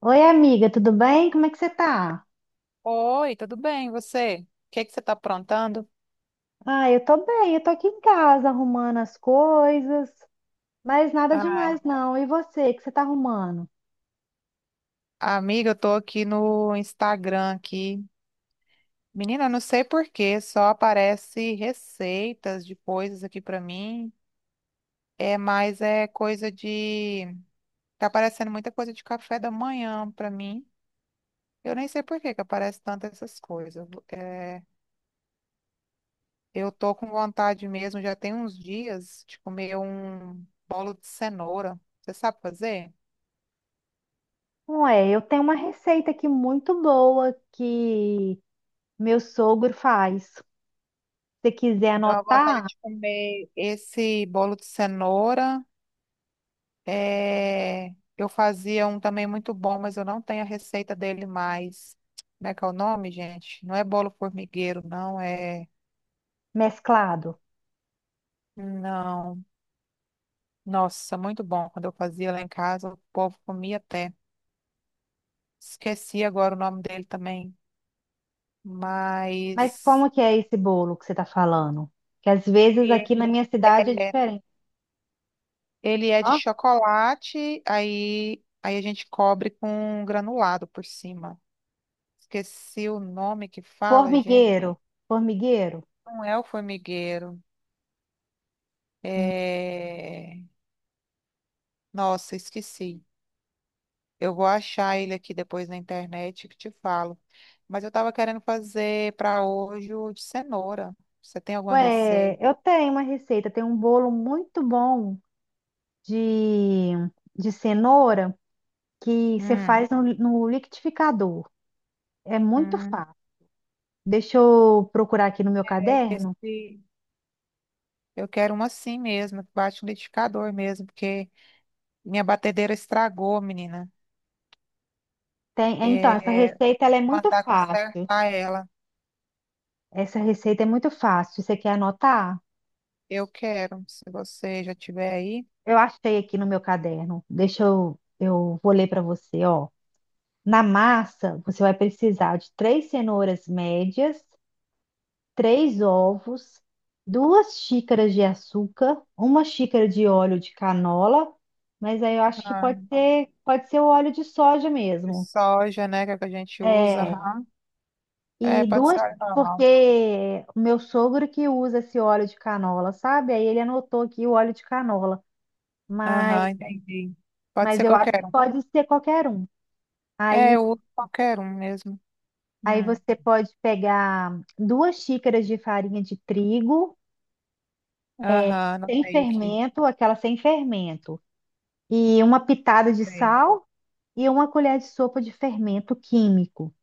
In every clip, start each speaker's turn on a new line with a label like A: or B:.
A: Oi, amiga, tudo bem? Como é que você tá?
B: Oi, tudo bem? E você? O que é que você tá aprontando?
A: Ah, eu tô bem, eu tô aqui em casa arrumando as coisas, mas nada
B: Ai,
A: demais não. E você, o que você tá arrumando?
B: amiga, eu tô aqui no Instagram aqui. Menina, eu não sei por quê, só aparece receitas de coisas aqui pra mim. É, mas é coisa de tá aparecendo muita coisa de café da manhã pra mim. Eu nem sei por que que aparece tanto essas coisas. É, eu tô com vontade mesmo, já tem uns dias de comer um bolo de cenoura. Você sabe fazer?
A: Ué, eu tenho uma receita aqui muito boa que meu sogro faz. Se você quiser
B: Deu uma vontade
A: anotar,
B: de comer esse bolo de cenoura. É, eu fazia um também muito bom, mas eu não tenho a receita dele mais. Como é que é o nome, gente? Não é bolo formigueiro, não é.
A: mesclado.
B: Não. Nossa, muito bom. Quando eu fazia lá em casa, o povo comia até. Esqueci agora o nome dele também.
A: Mas
B: Mas
A: como que é esse bolo que você tá falando? Que às vezes
B: e-
A: aqui na minha cidade é
B: é,
A: diferente.
B: ele é de
A: Ó,
B: chocolate, aí a gente cobre com granulado por cima. Esqueci o nome que fala, gente.
A: formigueiro, formigueiro.
B: Não é o formigueiro. É... Nossa, esqueci. Eu vou achar ele aqui depois na internet que te falo. Mas eu estava querendo fazer para hoje o de cenoura. Você tem alguma
A: Ué,
B: receita?
A: eu tenho uma receita, tem um bolo muito bom de, de cenoura que você
B: Hum,
A: faz no liquidificador. É muito
B: hum,
A: fácil. Deixa eu procurar aqui no meu caderno.
B: esse... Eu quero uma assim mesmo, que bate no liquidificador mesmo, porque minha batedeira estragou, menina.
A: Tem, é, então, essa
B: É...
A: receita ela
B: Tem
A: é
B: que
A: muito
B: mandar
A: fácil.
B: consertar ela.
A: Essa receita é muito fácil. Você quer anotar?
B: Eu quero, se você já tiver aí.
A: Eu achei aqui no meu caderno. Deixa eu, vou ler para você, ó. Na massa, você vai precisar de três cenouras médias, três ovos, 2 xícaras de açúcar, 1 xícara de óleo de canola, mas aí eu acho que pode ser o óleo de soja
B: De
A: mesmo.
B: soja, né, que é o que a gente usa,
A: É,
B: aham. É,
A: e
B: pode ser
A: duas,
B: óleo normal.
A: porque o meu sogro que usa esse óleo de canola, sabe? Aí ele anotou aqui o óleo de canola, mas,
B: Aham, entendi. Pode ser
A: eu acho que
B: qualquer um.
A: pode ser qualquer um.
B: É,
A: Aí,
B: eu uso qualquer um mesmo.
A: Aí
B: Hum.
A: você pode pegar 2 xícaras de farinha de trigo,
B: Aham,
A: sem
B: anotei aqui.
A: fermento, aquela sem fermento. E uma pitada de
B: Sei.
A: sal e 1 colher de sopa de fermento químico.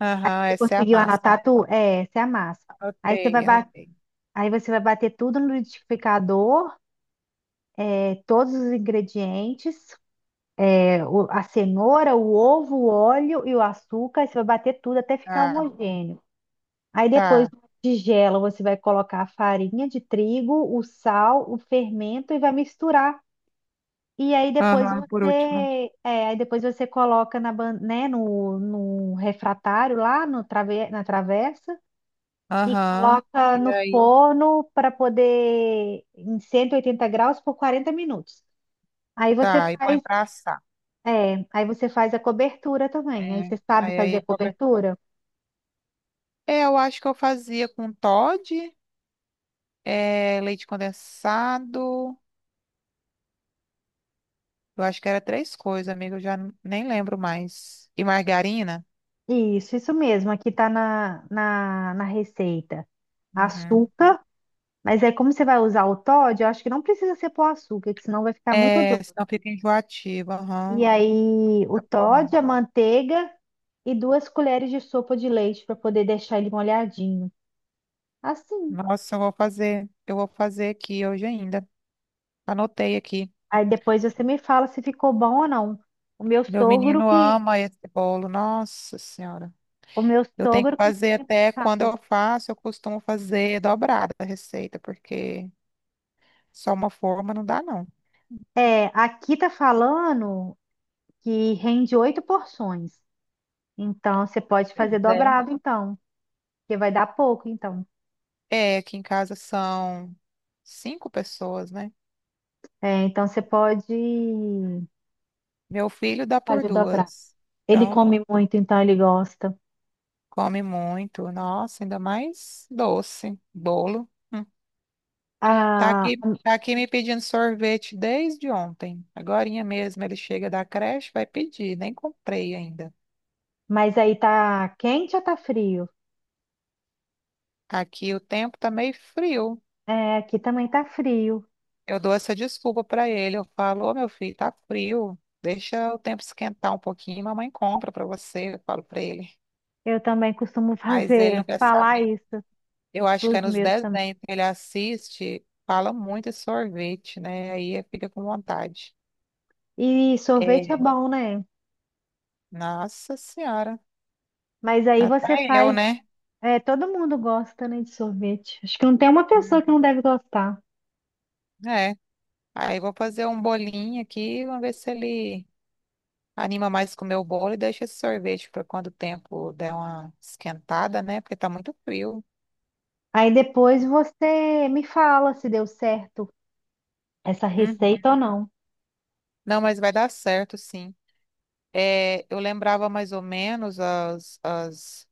B: Aham,
A: Você
B: essa é a
A: conseguiu
B: massa,
A: anotar
B: né?
A: tu? É, essa é a massa. Aí você vai
B: Anotei,
A: bater,
B: anotei.
A: aí você vai bater tudo no liquidificador, todos os ingredientes, a cenoura, o ovo, o óleo e o açúcar. Aí você vai bater tudo até ficar
B: Ah,
A: homogêneo. Aí depois
B: tá.
A: na tigela você vai colocar a farinha de trigo, o sal, o fermento e vai misturar.
B: Aham, por último.
A: Aí depois você coloca na, né, no refratário lá no trave, na travessa e
B: Aham.
A: coloca
B: E
A: no
B: aí?
A: forno para poder em 180 graus por 40 minutos. Aí você
B: Tá, e põe
A: faz,
B: pra assar.
A: aí você faz a cobertura também. Aí
B: É,
A: você sabe fazer a
B: qualquer...
A: cobertura?
B: É, eu acho que eu fazia com Toddy, leite condensado. Eu acho que era três coisas, amiga, eu já nem lembro mais. E margarina?
A: Isso mesmo. Aqui tá na receita.
B: Uhum.
A: Açúcar, mas aí como você vai usar o Toddy, eu acho que não precisa ser pôr açúcar, que senão vai ficar muito.
B: É, senão fica enjoativa.
A: E
B: Aham.
A: aí o
B: Tá bom,
A: Toddy,
B: não.
A: a manteiga e 2 colheres de sopa de leite para poder deixar ele molhadinho. Assim.
B: Nossa, eu vou fazer. Eu vou fazer aqui hoje ainda. Anotei aqui.
A: Aí depois você me fala se ficou bom ou não. O meu
B: Meu
A: sogro
B: menino
A: que,
B: ama esse bolo. Nossa Senhora.
A: o meu
B: Eu tenho que
A: sogro que
B: fazer até quando
A: faz.
B: eu faço, eu costumo fazer dobrada a receita, porque só uma forma não dá, não.
A: É, aqui tá falando que rende oito porções. Então você pode
B: Pois
A: fazer
B: é.
A: dobrado, então, porque vai dar pouco, então.
B: É, aqui em casa são cinco pessoas, né?
A: É, então você pode
B: Meu filho dá por
A: fazer dobrado.
B: duas.
A: Ele
B: Então.
A: come muito, então ele gosta.
B: Come muito. Nossa, ainda mais doce, bolo. Hum. Tá aqui,
A: A
B: tá aqui me pedindo sorvete desde ontem. Agorinha mesmo ele chega da creche, vai pedir. Nem comprei ainda.
A: Mas aí tá quente ou tá frio?
B: Aqui o tempo tá meio frio.
A: É, aqui também tá frio.
B: Eu dou essa desculpa pra ele. Eu falo, ô meu filho, tá frio. Deixa o tempo esquentar um pouquinho, mamãe compra pra você. Eu falo pra ele.
A: Eu também costumo
B: Mas ele não quer
A: falar
B: saber.
A: isso
B: Eu acho que
A: pros
B: é nos
A: meus também.
B: desenhos que ele assiste, fala muito de sorvete, né? Aí ele fica com vontade.
A: E
B: É,
A: sorvete é bom, né?
B: Nossa Senhora.
A: Mas aí você
B: Até eu,
A: faz,
B: né?
A: é, todo mundo gosta, né, de sorvete. Acho que não tem uma pessoa
B: Hum,
A: que não deve gostar.
B: é. Aí vou fazer um bolinho aqui, vamos ver se ele anima mais com o meu bolo e deixa esse sorvete para quando o tempo der uma esquentada, né? Porque tá muito frio.
A: Aí depois você me fala se deu certo essa
B: Uhum.
A: receita ou não.
B: Não, mas vai dar certo, sim. É, eu lembrava mais ou menos as, as,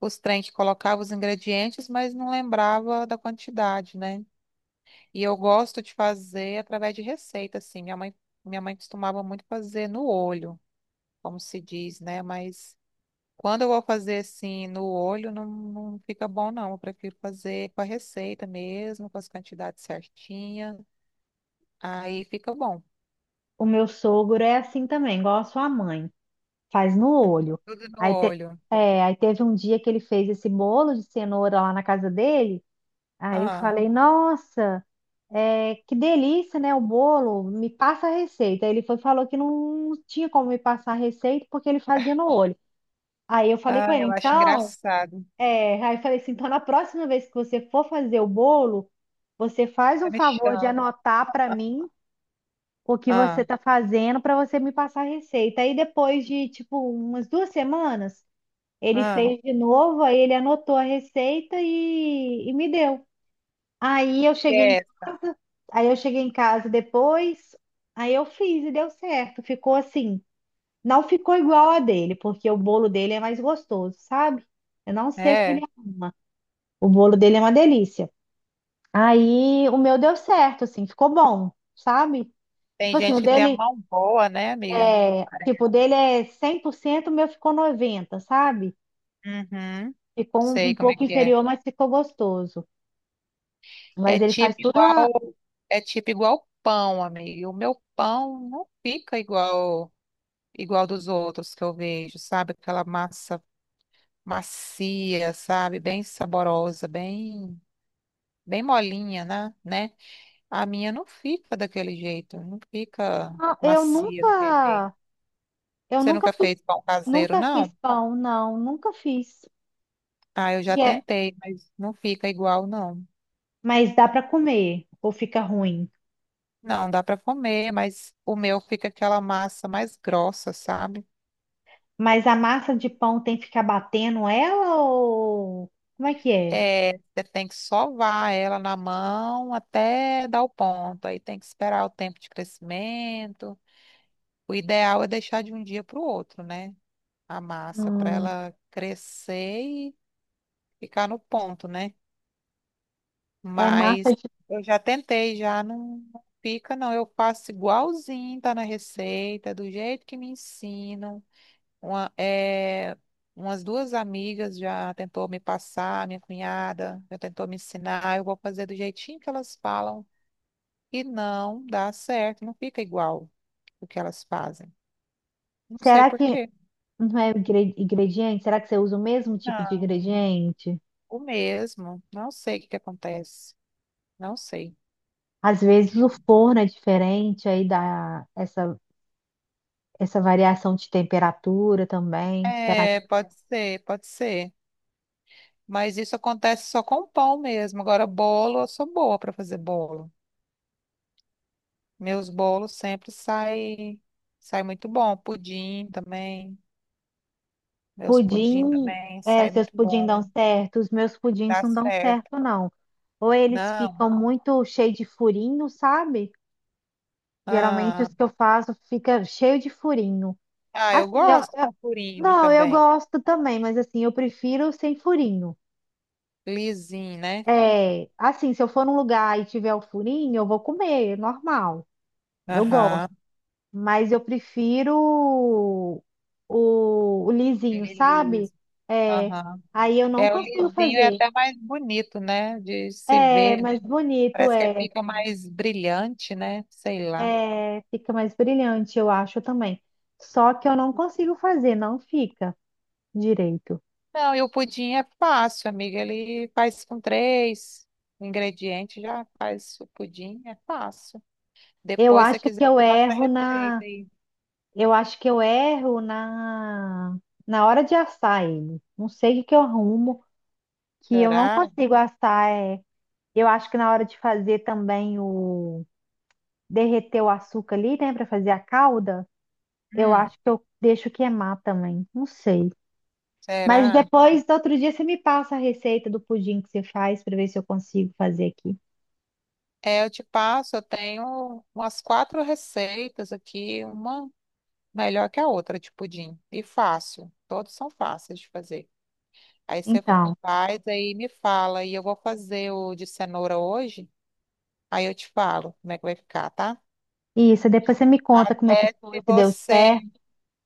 B: os trem que colocava os ingredientes, mas não lembrava da quantidade, né? E eu gosto de fazer através de receita, assim. Minha mãe costumava muito fazer no olho. Como se diz, né? Mas quando eu vou fazer assim no olho, não, não fica bom, não. Eu prefiro fazer com a receita mesmo, com as quantidades certinhas. Aí fica bom.
A: O meu sogro é assim também, igual a sua mãe. Faz no
B: Uhum.
A: olho.
B: Tudo no
A: Aí, te-
B: olho.
A: aí teve um dia que ele fez esse bolo de cenoura lá na casa dele. Aí eu
B: Ah,
A: falei, nossa, que delícia, né? O bolo, me passa a receita. Aí ele foi, falou que não tinha como me passar a receita porque ele fazia no olho. Aí eu falei com
B: ah,
A: ele,
B: eu acho
A: então,
B: engraçado.
A: aí eu falei assim, então na próxima vez que você for fazer o bolo, você faz um
B: Você me
A: favor de
B: chama.
A: anotar para mim o que você
B: Ah,
A: tá fazendo para você me passar a receita. Aí depois de tipo umas 2 semanas, ele
B: ah,
A: fez de novo, aí ele anotou a receita e me deu. Aí eu cheguei em
B: é,
A: casa, aí eu cheguei em casa depois, aí eu fiz e deu certo. Ficou assim, não ficou igual a dele, porque o bolo dele é mais gostoso, sabe? Eu não sei o que ele
B: é.
A: arruma. O bolo dele é uma delícia. Aí o meu deu certo, assim, ficou bom, sabe? Tipo
B: Tem
A: assim, o
B: gente que tem a
A: dele
B: mão boa, né, amiga?
A: o
B: Parece.
A: dele é 100%, o meu ficou 90, sabe?
B: Uhum.
A: Ficou um
B: Sei como é
A: pouco
B: que é.
A: inferior, mas ficou gostoso.
B: É
A: Mas ele
B: tipo
A: faz tudo
B: igual, é tipo igual pão, amiga. O meu pão não fica igual igual dos outros que eu vejo, sabe? Aquela massa macia, sabe? Bem saborosa, bem molinha, né? A minha não fica daquele jeito, não fica
A: na- eu
B: macia daquele jeito.
A: nunca eu
B: Você
A: nunca
B: nunca
A: fiz.
B: fez pão caseiro,
A: Nunca fiz
B: não?
A: pão, não, nunca fiz.
B: Ah, eu já
A: E é,
B: tentei, mas não fica igual, não.
A: mas dá para comer, ou fica ruim.
B: Não, dá para comer, mas o meu fica aquela massa mais grossa, sabe?
A: Mas a massa de pão tem que ficar batendo ela ou como é que é?
B: É, você tem que sovar ela na mão até dar o ponto. Aí tem que esperar o tempo de crescimento. O ideal é deixar de um dia para o outro, né? A massa, para
A: Hum,
B: ela crescer e ficar no ponto, né?
A: é massa
B: Mas
A: de.
B: eu já tentei, já não fica, não. Eu faço igualzinho, tá na receita, do jeito que me ensinam. Uma, é, umas duas amigas já tentou me passar, minha cunhada já tentou me ensinar. Eu vou fazer do jeitinho que elas falam e não dá certo, não fica igual o que elas fazem. Não sei
A: Será
B: por
A: que
B: quê.
A: não é ingrediente? Será que você usa o mesmo tipo de ingrediente?
B: O mesmo. Não sei o que que acontece. Não sei.
A: Às vezes o forno é diferente, aí dá essa variação de temperatura também. Será que
B: É, pode ser, pode ser. Mas isso acontece só com pão mesmo. Agora, bolo, eu sou boa para fazer bolo. Meus bolos sempre saem sai muito bom. Pudim também. Meus pudim
A: Pudim,
B: também sai
A: seus
B: muito
A: pudim
B: bom.
A: dão certo, os meus pudins
B: Dá
A: não dão
B: certo.
A: certo, não. Ou eles
B: Não.
A: ficam muito cheios de furinho, sabe? Geralmente
B: Ah,
A: os que eu faço fica cheio de furinho.
B: ah, eu
A: Assim, eu,
B: gosto
A: eu-
B: com furinho
A: não, eu
B: também.
A: gosto também, mas assim, eu prefiro sem furinho.
B: Lisinho, né?
A: É, assim, se eu for num lugar e tiver o furinho, eu vou comer, é normal. Eu gosto,
B: Aham.
A: mas eu prefiro o lisinho,
B: Ele é
A: sabe?
B: liso.
A: É,
B: Aham.
A: aí eu não
B: É, o
A: consigo
B: lisinho é
A: fazer.
B: até mais bonito, né? De se
A: É
B: ver, né?
A: mais bonito,
B: Parece que fica mais brilhante, né? Sei lá.
A: fica mais brilhante, eu acho também. Só que eu não consigo fazer, não fica direito.
B: Não, e o pudim é fácil, amiga. Ele faz com três ingredientes, já faz o pudim, é fácil.
A: Eu
B: Depois, se você
A: acho que
B: quiser, eu
A: eu
B: faço a
A: erro na,
B: receita aí.
A: eu acho que eu erro na hora de assar ele. Não sei o que que eu arrumo, que eu não
B: Será?
A: consigo assar. É. Eu acho que na hora de fazer também o derreter o açúcar ali, né, para fazer a calda, eu
B: Hum,
A: acho que eu deixo queimar também. Não sei. Mas
B: será?
A: depois, outro dia, você me passa a receita do pudim que você faz para ver se eu consigo fazer aqui.
B: É, eu te passo, eu tenho umas quatro receitas aqui, uma melhor que a outra de pudim. E fácil. Todos são fáceis de fazer. Aí você
A: Então,
B: faz, aí me fala. E eu vou fazer o de cenoura hoje. Aí eu te falo como é que vai ficar, tá?
A: isso. Depois você me conta como é que
B: Até
A: foi,
B: se
A: se deu
B: você,
A: certo,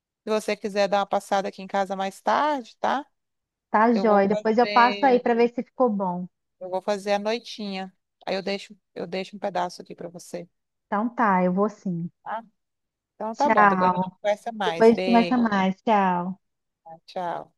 B: se você quiser dar uma passada aqui em casa mais tarde, tá?
A: tá,
B: Eu vou
A: joia? Depois eu passo aí
B: fazer,
A: para ver se ficou bom.
B: eu vou fazer a noitinha. Aí eu deixo um pedaço aqui pra você,
A: Então tá, eu vou sim.
B: tá? Então tá bom, depois a gente
A: Tchau.
B: conversa
A: Depois
B: mais.
A: a gente conversa
B: Beijo,
A: mais. Tchau.
B: tchau.